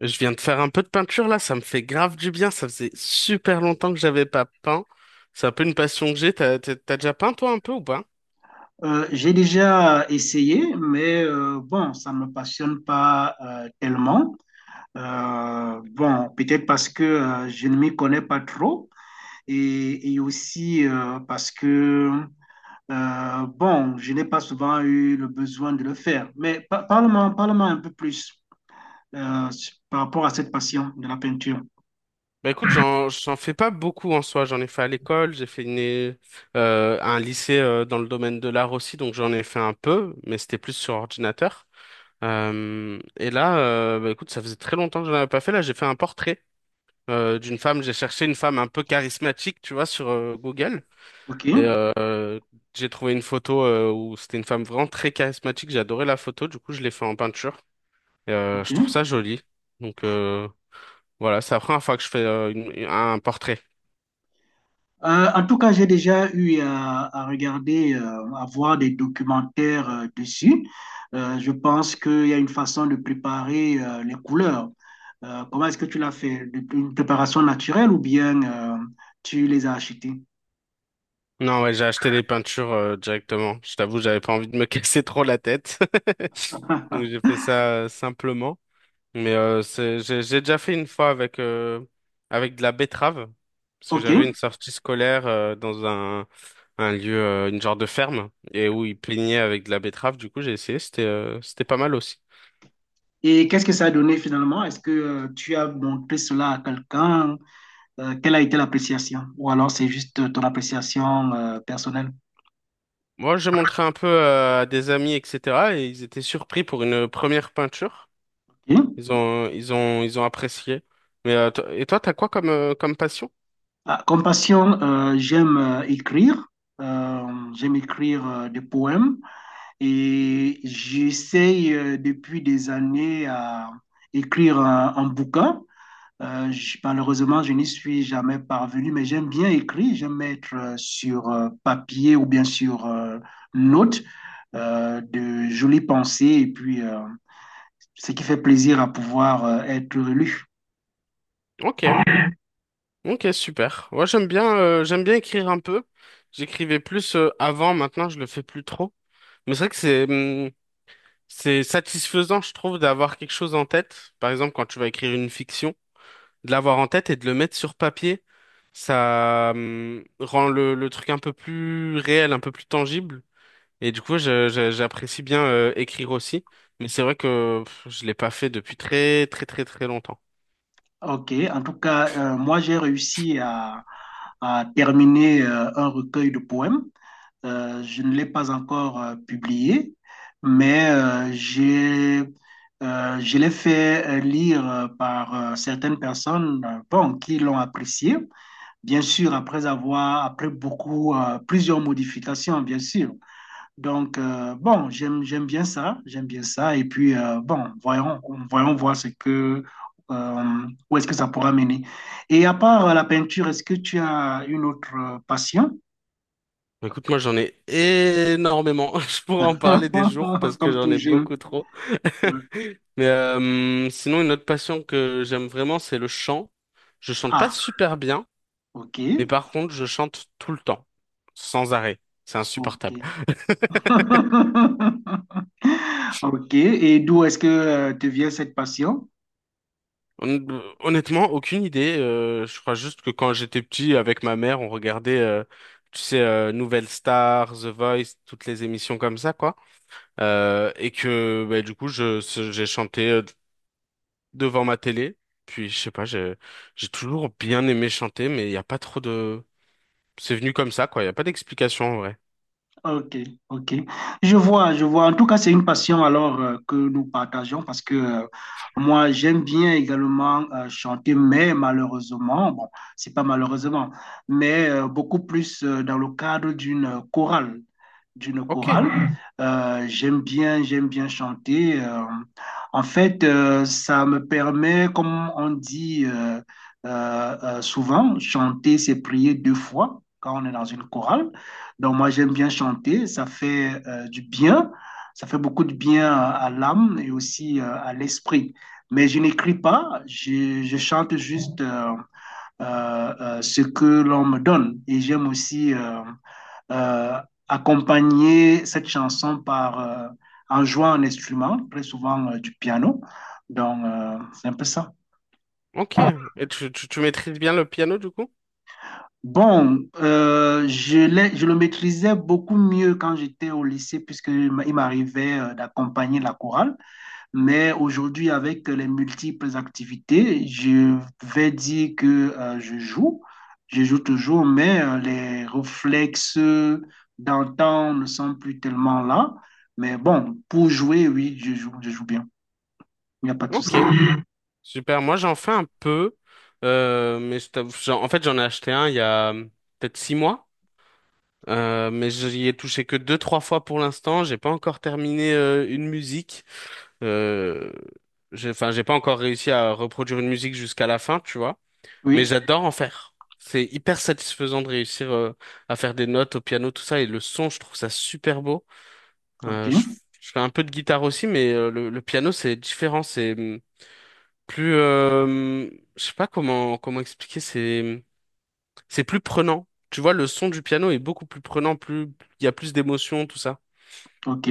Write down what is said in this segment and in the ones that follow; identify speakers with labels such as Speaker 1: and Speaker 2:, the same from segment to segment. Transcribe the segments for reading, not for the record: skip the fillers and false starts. Speaker 1: Je viens de faire un peu de peinture là, ça me fait grave du bien. Ça faisait super longtemps que j'avais pas peint. C'est un peu une passion que j'ai. T'as déjà peint toi un peu ou pas?
Speaker 2: J'ai déjà essayé, mais bon, ça ne me passionne pas tellement. Bon, peut-être parce que je ne m'y connais pas trop et aussi parce que, bon, je n'ai pas souvent eu le besoin de le faire. Mais parle-moi, parle-moi un peu plus euh, par rapport à cette passion de la peinture.
Speaker 1: Bah écoute, j'en fais pas beaucoup en soi. J'en ai fait à l'école, j'ai fait un lycée dans le domaine de l'art aussi, donc j'en ai fait un peu, mais c'était plus sur ordinateur. Et là, bah écoute, ça faisait très longtemps que je n'en avais pas fait. Là, j'ai fait un portrait d'une femme. J'ai cherché une femme un peu charismatique, tu vois, sur Google.
Speaker 2: OK?
Speaker 1: Et euh, j'ai trouvé une photo où c'était une femme vraiment très charismatique. J'ai adoré la photo. Du coup, je l'ai fait en peinture.
Speaker 2: OK.
Speaker 1: Je trouve ça joli. Donc euh, voilà, c'est la première fois que je fais un portrait.
Speaker 2: En tout cas, j'ai déjà eu à regarder, à voir des documentaires dessus. Je pense qu'il y a une façon de préparer les couleurs. Comment est-ce que tu l'as fait? Une préparation naturelle ou bien tu les as achetées?
Speaker 1: Non, ouais, j'ai acheté les peintures directement. Je t'avoue, j'avais pas envie de me casser trop la tête. Donc j'ai fait ça simplement. J'ai déjà fait une fois avec, avec de la betterave, parce que
Speaker 2: OK.
Speaker 1: j'avais une sortie scolaire dans un lieu, une genre de ferme, et où ils peignaient avec de la betterave. Du coup, j'ai essayé, c'était pas mal aussi.
Speaker 2: Et qu'est-ce que ça a donné finalement? Est-ce que tu as montré cela à quelqu'un? Quelle a été l'appréciation? Ou alors c'est juste ton appréciation personnelle?
Speaker 1: Moi, j'ai montré un peu à des amis, etc., et ils étaient surpris pour une première peinture.
Speaker 2: OK.
Speaker 1: Ils ont apprécié. Et toi, t'as quoi comme, comme passion?
Speaker 2: Ah, comme passion, j'aime écrire. Euh, J'aime écrire des poèmes et j'essaye depuis des années à écrire un bouquin. Malheureusement, je n'y suis jamais parvenu, mais j'aime bien écrire. J'aime mettre sur papier ou bien sur note de jolies pensées et puis ce qui fait plaisir à pouvoir être lu.
Speaker 1: Ok, ok, super. Moi, j'aime bien écrire un peu. J'écrivais plus avant, maintenant, je le fais plus trop. Mais c'est vrai que c'est satisfaisant, je trouve, d'avoir quelque chose en tête. Par exemple, quand tu vas écrire une fiction, de l'avoir en tête et de le mettre sur papier, ça rend le truc un peu plus réel, un peu plus tangible. Et du coup, j'apprécie bien écrire aussi. Mais c'est vrai que pff, je l'ai pas fait depuis très très très très longtemps.
Speaker 2: Ok, en tout cas, moi j'ai réussi à terminer un recueil de poèmes. Je ne l'ai pas encore publié, mais je l'ai fait lire par certaines personnes bon, qui l'ont apprécié. Bien sûr, après avoir, après beaucoup, plusieurs modifications, bien sûr. Donc, bon, j'aime bien ça, j'aime bien ça. Et puis, bon, voyons voir ce que, où est-ce que ça pourra mener. Et à part la peinture, est-ce que tu as une autre passion?
Speaker 1: Bah, écoute, moi j'en ai énormément. Je pourrais en parler des jours parce que
Speaker 2: Comme
Speaker 1: j'en
Speaker 2: tout
Speaker 1: ai
Speaker 2: jeune.
Speaker 1: beaucoup trop.
Speaker 2: Ouais.
Speaker 1: Sinon, une autre passion que j'aime vraiment, c'est le chant. Je chante pas
Speaker 2: Ah,
Speaker 1: super bien,
Speaker 2: ok,
Speaker 1: mais par contre, je chante tout le temps, sans arrêt. C'est
Speaker 2: ok.
Speaker 1: insupportable.
Speaker 2: Ok, et d'où est-ce que te vient cette passion?
Speaker 1: Hon- Honnêtement, aucune idée. Je crois juste que quand j'étais petit, avec ma mère, on regardait, tu sais, Nouvelle Star, The Voice, toutes les émissions comme ça, quoi. Du coup, j'ai chanté devant ma télé. Puis, je sais pas, j'ai toujours bien aimé chanter, mais il n'y a pas trop de c'est venu comme ça, quoi. Il n'y a pas d'explication en vrai.
Speaker 2: Ok, ok. Je vois, je vois. En tout cas, c'est une passion alors que nous partageons parce que moi, j'aime bien également chanter, mais malheureusement, bon, c'est pas malheureusement, mais beaucoup plus dans le cadre d'une chorale, d'une
Speaker 1: Ok,
Speaker 2: chorale. J'aime bien, j'aime bien chanter. En fait, ça me permet, comme on dit souvent, chanter, c'est prier deux fois quand on est dans une chorale. Donc moi j'aime bien chanter, ça fait du bien, ça fait beaucoup de bien à l'âme et aussi à l'esprit. Mais je n'écris pas, je chante juste ce que l'on me donne. Et j'aime aussi euh, accompagner cette chanson par, en jouant un instrument, très souvent du piano. Donc c'est un peu ça.
Speaker 1: ok. Et tu maîtrises bien le piano du coup?
Speaker 2: Bon, je le maîtrisais beaucoup mieux quand j'étais au lycée, puisque il m'arrivait d'accompagner la chorale. Mais aujourd'hui, avec les multiples activités, je vais dire que je joue. Je joue toujours, mais les réflexes d'antan ne sont plus tellement là. Mais bon, pour jouer, oui, je joue bien. Il n'y a pas de souci.
Speaker 1: Ok, super. Moi, j'en fais un peu. En fait, j'en ai acheté un il y a peut-être 6 mois. Mais j'y ai touché que deux, trois fois pour l'instant. J'ai pas encore terminé une musique. Euh, enfin, j'ai pas encore réussi à reproduire une musique jusqu'à la fin, tu vois. Mais
Speaker 2: Oui,
Speaker 1: j'adore en faire. C'est hyper satisfaisant de réussir à faire des notes au piano, tout ça. Et le son, je trouve ça super beau. Euh, je,
Speaker 2: ok,
Speaker 1: je fais un peu de guitare aussi, mais le piano c'est différent, plus, euh, hum, je sais pas comment comment expliquer, c'est plus prenant. Tu vois, le son du piano est beaucoup plus prenant, plus il y a plus d'émotions, tout ça.
Speaker 2: ok.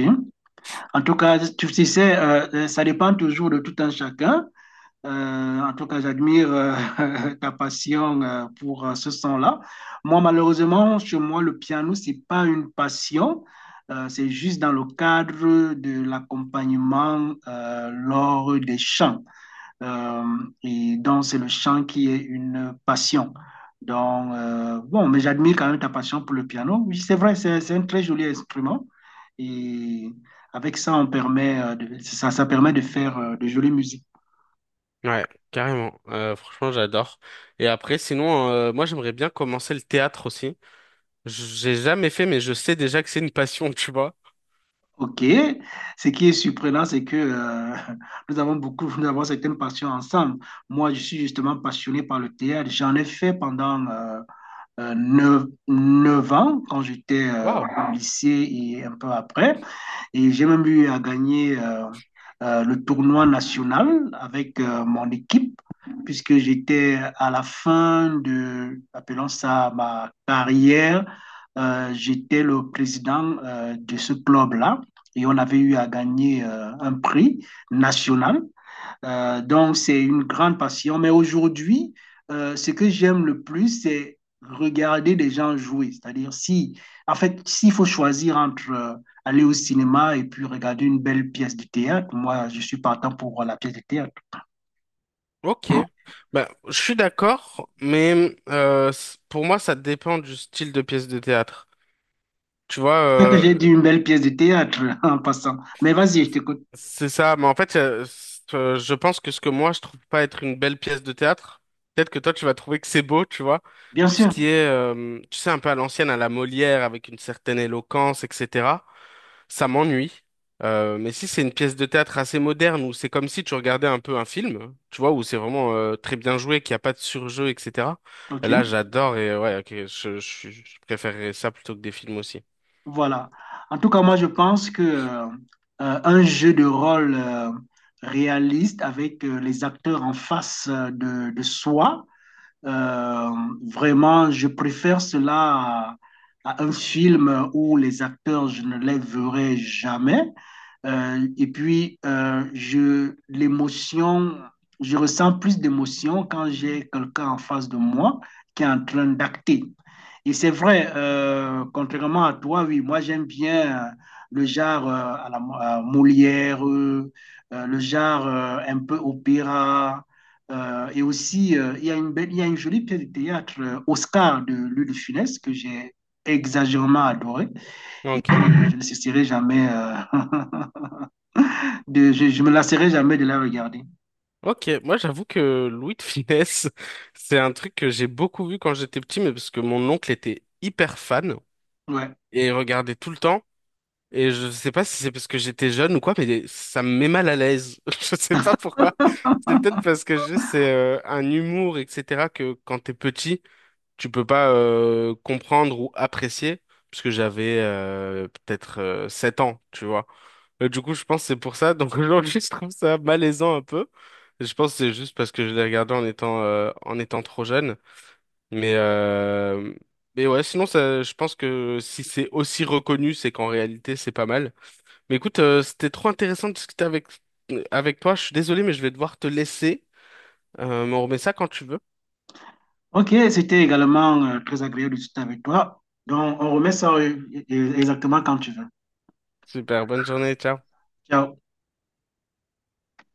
Speaker 2: En tout cas, tu sais, ça dépend toujours de tout un chacun. Euh, En tout cas, j'admire ta passion pour ce son-là. Moi, malheureusement, chez moi, le piano, c'est pas une passion. C'est juste dans le cadre de l'accompagnement lors des chants. Euh, et donc, c'est le chant qui est une passion. Donc, bon, mais j'admire quand même ta passion pour le piano. Oui, c'est vrai, c'est un très joli instrument. Et avec ça, on permet, ça permet de faire de jolies musiques.
Speaker 1: Ouais, carrément. Franchement, j'adore. Et après, sinon, moi j'aimerais bien commencer le théâtre aussi. J'ai jamais fait, mais je sais déjà que c'est une passion, tu vois.
Speaker 2: Ok, ce qui est surprenant, c'est que nous avons beaucoup, nous avons certaines passions ensemble. Moi, je suis justement passionné par le théâtre. J'en ai fait pendant 9 9 ans quand j'étais
Speaker 1: Waouh.
Speaker 2: au lycée et un peu après. Et j'ai même eu à gagner le tournoi national avec mon équipe, puisque j'étais à la fin de, appelons ça ma carrière, j'étais le président de ce club-là. Et on avait eu à gagner un prix national donc, c'est une grande passion. Mais aujourd'hui, ce que j'aime le plus, c'est regarder des gens jouer. C'est-à-dire, si, en fait, s'il faut choisir entre aller au cinéma et puis regarder une belle pièce de théâtre, moi, je suis partant pour la pièce de théâtre.
Speaker 1: Ok. Bah, je suis d'accord, mais pour moi, ça dépend du style de pièce de théâtre. Tu vois,
Speaker 2: C'est ça que j'ai dit une belle pièce de théâtre en passant. Mais vas-y, je t'écoute.
Speaker 1: c'est ça. Je pense que ce que moi, je trouve pas être une belle pièce de théâtre, peut-être que toi, tu vas trouver que c'est beau, tu vois.
Speaker 2: Bien
Speaker 1: Tout ce
Speaker 2: sûr.
Speaker 1: qui est, tu sais, un peu à l'ancienne, à la Molière, avec une certaine éloquence, etc., ça m'ennuie. Mais si c'est une pièce de théâtre assez moderne, où c'est comme si tu regardais un peu un film, tu vois, où c'est vraiment très bien joué, qu'il n'y a pas de surjeu, etc.,
Speaker 2: OK.
Speaker 1: là, j'adore et ouais, ok, je préférerais ça plutôt que des films aussi.
Speaker 2: Voilà. En tout cas, moi, je pense que un jeu de rôle réaliste avec les acteurs en face de soi, Euh, vraiment, je préfère cela à un film où les acteurs, je ne les verrai jamais. L'émotion, je ressens plus d'émotion quand j'ai quelqu'un en face de moi qui est en train d'acter. Et c'est vrai, contrairement à toi, oui, moi j'aime bien le genre à Molière, le genre un peu opéra. Et aussi, il y a une belle, il y a une jolie pièce de théâtre, Oscar de Louis de Funès, que j'ai exagérément adorée. Et
Speaker 1: Ok.
Speaker 2: puis, je ne cesserai jamais, je me lasserai jamais de la regarder.
Speaker 1: Ok, moi j'avoue que Louis de Funès, c'est un truc que j'ai beaucoup vu quand j'étais petit, mais parce que mon oncle était hyper fan
Speaker 2: Ouais.
Speaker 1: et regardait tout le temps. Et je sais pas si c'est parce que j'étais jeune ou quoi, mais ça me met mal à l'aise. Je sais pas pourquoi. C'est peut-être parce que je- C'est un humour, etc., que quand t'es petit, tu peux pas comprendre ou apprécier, parce que j'avais peut-être 7 ans, tu vois. Du coup, je pense que c'est pour ça. Donc aujourd'hui, je trouve ça malaisant un peu. Je pense que c'est juste parce que je l'ai regardé en étant trop jeune. Mais, euh, mais ouais, sinon, ça, je pense que si c'est aussi reconnu, c'est qu'en réalité, c'est pas mal. Mais écoute, c'était trop intéressant de discuter avec, avec toi. Je suis désolé, mais je vais devoir te laisser. Mais on remet ça quand tu veux.
Speaker 2: Ok, c'était également très agréable de discuter avec toi. Donc, on remet ça exactement quand tu veux.
Speaker 1: Super, bonne journée, ciao.
Speaker 2: Ciao.